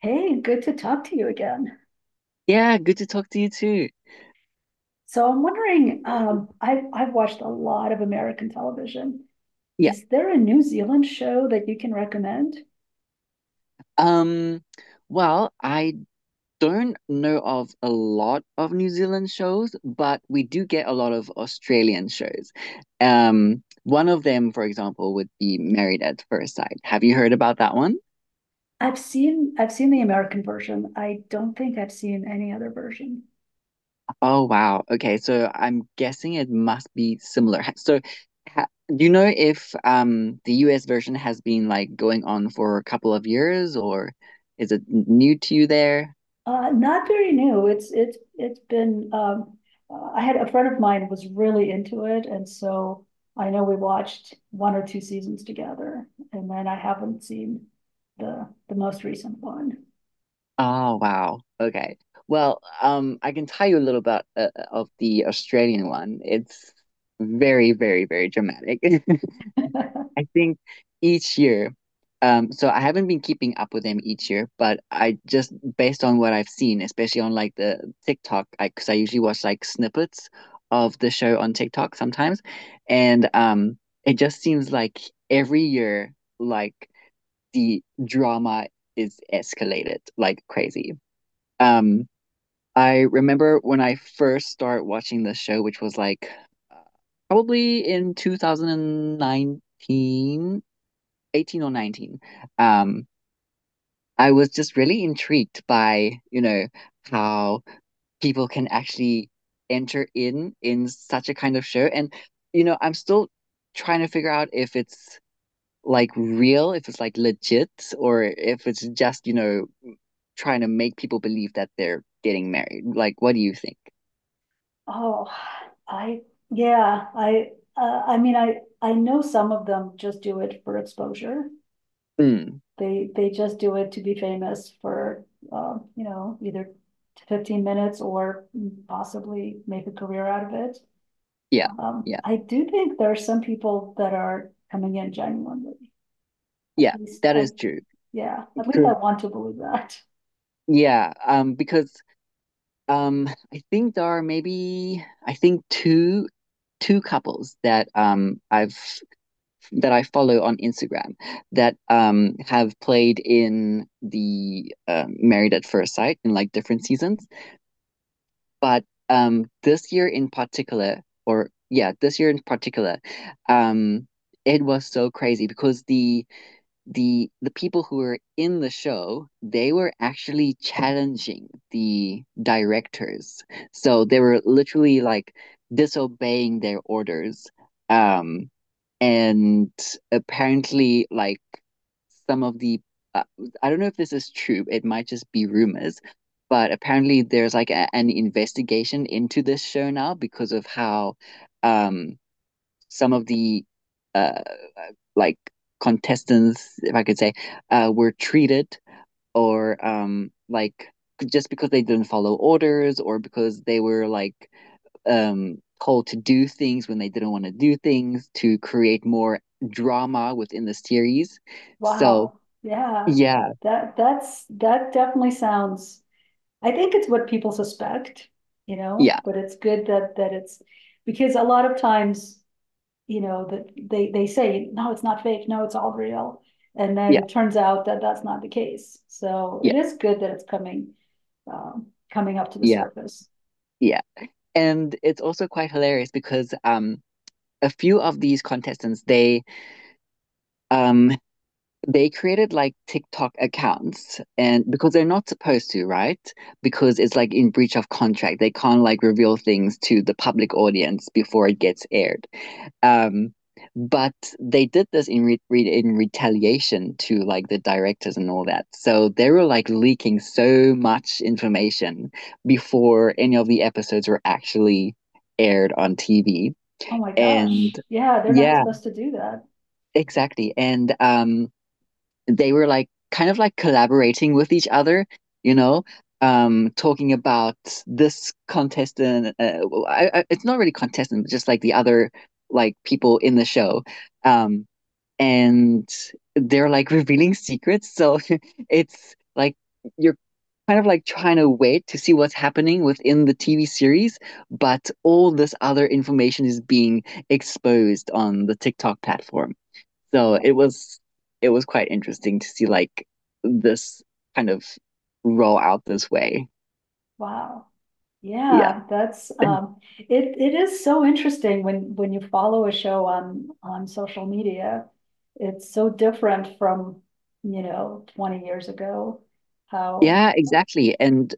Hey, good to talk to you again. Yeah, good to talk to you too. So I'm wondering, I've watched a lot of American television. Yeah. Is there a New Zealand show that you can recommend? Um, well, I don't know of a lot of New Zealand shows, but we do get a lot of Australian shows. One of them, for example, would be Married at First Sight. Have you heard about that one? I've seen the American version. I don't think I've seen any other version. Oh, wow. Okay, so I'm guessing it must be similar. So, ha do you know if the US version has been like going on for a couple of years, or is it new to you there? Not very new. It's been. I had a friend of mine was really into it, and so I know we watched one or two seasons together, and then I haven't seen the most recent one. Oh, wow. Okay. Well, I can tell you a little about of the Australian one. It's very, very, very dramatic. I think each year, so I haven't been keeping up with them each year, but I just based on what I've seen, especially on like the TikTok, I because I usually watch like snippets of the show on TikTok sometimes, and it just seems like every year, like the drama is escalated like crazy. Um, I remember when I first started watching the show, which was like uh, probably in 2019, 18 or 19. Um, I was just really intrigued by, you know, how people can actually enter in such a kind of show. And, you know, I'm still trying to figure out if it's like real, if it's like legit, or if it's just, you know, trying to make people believe that they're getting married. Like, what do you think? Oh, I, yeah, I mean, I know some of them just do it for exposure. Mm, They just do it to be famous for, you know, either 15 minutes or possibly make a career out of it. yeah, yeah, I do think there are some people that are coming in genuinely. At yeah, least that I, is true. yeah, at least Because I want to believe that. yeah, because um, I think there are maybe I think two couples that I've that I follow on Instagram that have played in the Married at First Sight in like different seasons, but this year in particular, or yeah, this year in particular, um, it was so crazy because the people who were in the show they were actually challenging the directors so they were literally like disobeying their orders um and apparently like some of the uh, I don't know if this is true, it might just be rumors, but apparently there's like an investigation into this show now because of how um some of the uh like contestants, if I could say, were treated or like just because they didn't follow orders or because they were like um, told to do things when they didn't want to do things to create more drama within the series. So Wow, yeah, yeah, that definitely sounds. I think it's what people suspect, you know, yeah, but it's good that it's because a lot of times, you know, that they say no, it's not fake, no, it's all real, and then yeah, it turns out that that's not the case. So it yeah, is good that it's coming, coming up to the yeah, surface. yeah. And it's also quite hilarious because a few of these contestants um they created like TikTok accounts and because they're not supposed to, right? Because it's like in breach of contract. They can't like reveal things to the public audience before it gets aired. Um, but they did this in in retaliation to like the directors and all that. So they were like leaking so much information before any of the episodes were actually aired on TV. Oh my And gosh, yeah, they're not yeah, supposed to do that. exactly. And they were like kind of like collaborating with each other, you know, talking about this contestant. Well, it's not really contestant, but just like the other like people in the show, um, and they're like revealing secrets. So it's like you're kind of like trying to wait to see what's happening within the TV series, but all this other information is being exposed on the TikTok platform. So it was quite interesting to see like this kind of roll out this way. Wow. Yeah. Yeah, that's And- um, it is so interesting when you follow a show on social media. It's so different from, you know, 20 years ago. How Yeah, exactly. And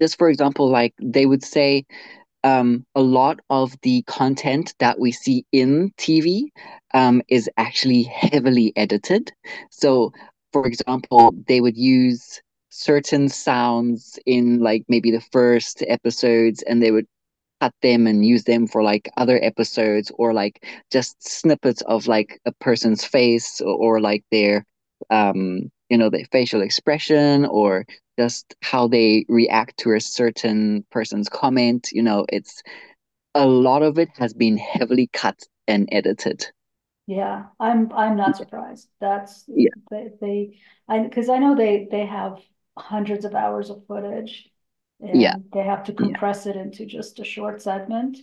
just for example, like they would say a lot of the content that we see in TV is actually heavily edited. So, for example, they would use certain sounds in like maybe the first episodes and they would cut them and use them for like other episodes or like just snippets of like a person's face or like their you know their facial expression or just how they react to a certain person's comment, you know, it's a lot of it has been heavily cut and edited. yeah, I'm not surprised. That's Yeah, they I because I know they have hundreds of hours of footage yeah, and they have to yeah, compress it into just a short segment.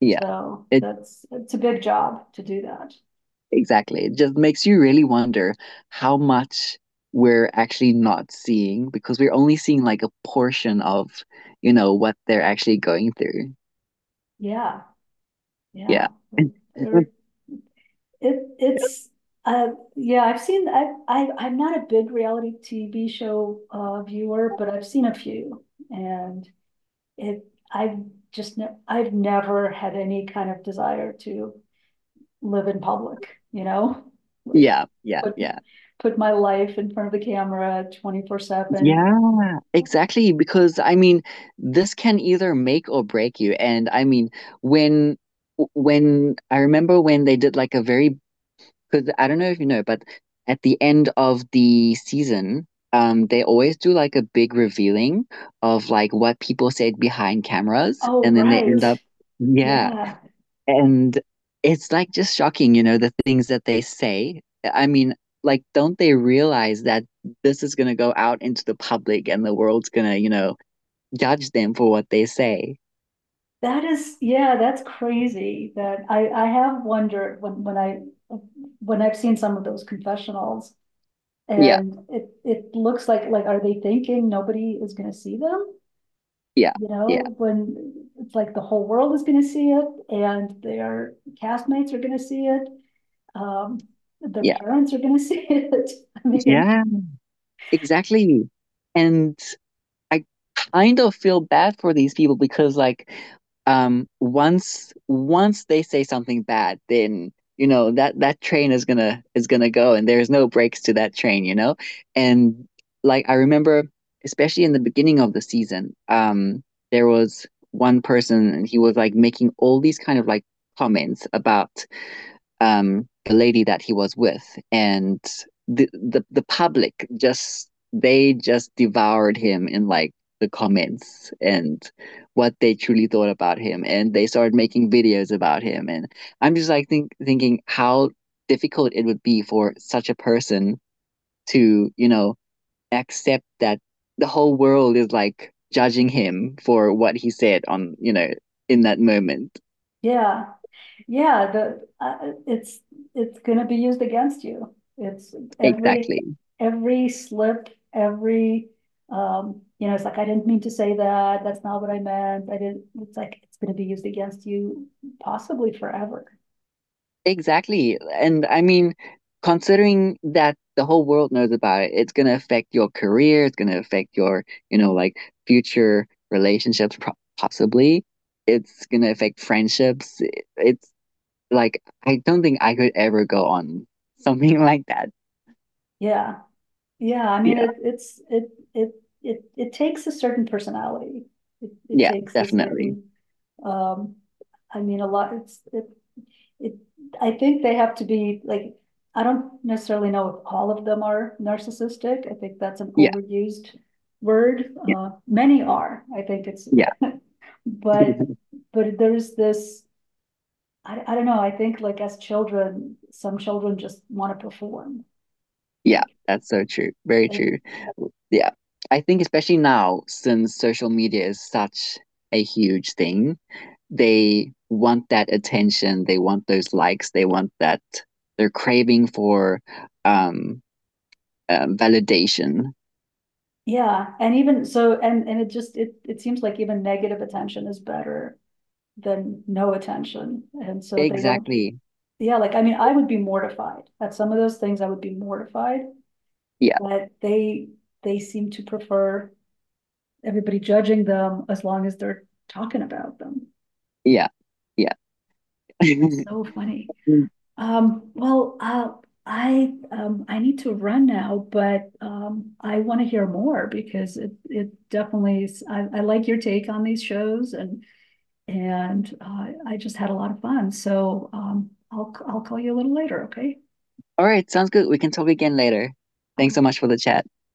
yeah, So it that's it's a big job to do that. exactly. It just makes you really wonder how much we're actually not seeing because we're only seeing like a portion of, you know, what they're actually going through. Yeah, yeah. Yeah. They're It it's uh yeah, I've seen, I'm not a big reality TV show viewer, but I've seen a few and it I've just ne I've never had any kind of desire to live in public, you know? Like Yeah, yeah, put yeah. put my life in front of the camera 24/7. Yeah, exactly. Because I mean, this can either make or break you. And I mean, when when I remember when they did like a very, because I don't know if you know, but at the end of the season, they always do like a big revealing of like what people said behind cameras, Oh, and then they right. end up, yeah, Yeah. and it's like just shocking, you know, the things that they say. I mean, like, don't they realize that this is gonna go out into the public and the world's gonna, you know, judge them for what they say? That is yeah, that's crazy that I have wondered when I when I've seen some of those confessionals. Yeah, And it looks like, are they thinking nobody is gonna see them? yeah, You yeah, know, when it's like the whole world is gonna see it and their castmates are gonna see it. Um, their yeah, parents are gonna see it. I mean, yeah, exactly. And I kind of feel bad for these people because like once they say something bad, then you know that that train is gonna go and there's no breaks to that train, you know? And like I remember especially in the beginning of the season, there was one person and he was like making all these kind of like comments about the lady that he was with, and the public just they just devoured him in like the comments and what they truly thought about him and they started making videos about him, and I'm just like thinking how difficult it would be for such a person to, you know, accept that the whole world is like judging him for what he said on, you know, in that moment. yeah, yeah, it's gonna be used against you. Every, exactly every slip, you know, it's like, I didn't mean to say that, that's not what I meant, I didn't, it's like, it's gonna be used against you possibly forever. Exactly. And I mean, considering that the whole world knows about it, it's going to affect your career, it's going to affect your, you know, like future relationships, pro possibly. It's going to affect friendships. It's like, I don't think I could ever go on something like that. Yeah, yeah, I mean, Yeah. It takes a certain personality. It Yeah, takes a definitely. certain, um, I mean, a lot, it's, it, I think they have to be like, I don't necessarily know if all of them are narcissistic. I think that's an Yeah. overused word. Yeah. Many are. Yeah. but but there's this. I don't know. I think like as children, some children just want to perform. Yeah, Like that's so true. Very and true. Yeah. I think especially now, since social media is such a huge thing, they want that attention, they want those likes, they want that, they're craving for um, validation. yeah, and even so, and it just it seems like even negative attention is better than no attention. And so they don't, Exactly. yeah, like, I mean, I would be mortified at some of those things. I would be mortified, Yeah, but they seem to prefer everybody judging them as long as they're talking about them. yeah, yeah. That's so funny. All Um, well, uh, I need to run now, but I want to hear more because it definitely is. I like your take on these shows. And I just had a lot of fun. So I'll call you a little later, okay? right, sounds good, we can talk again later. Thanks so much for the chat.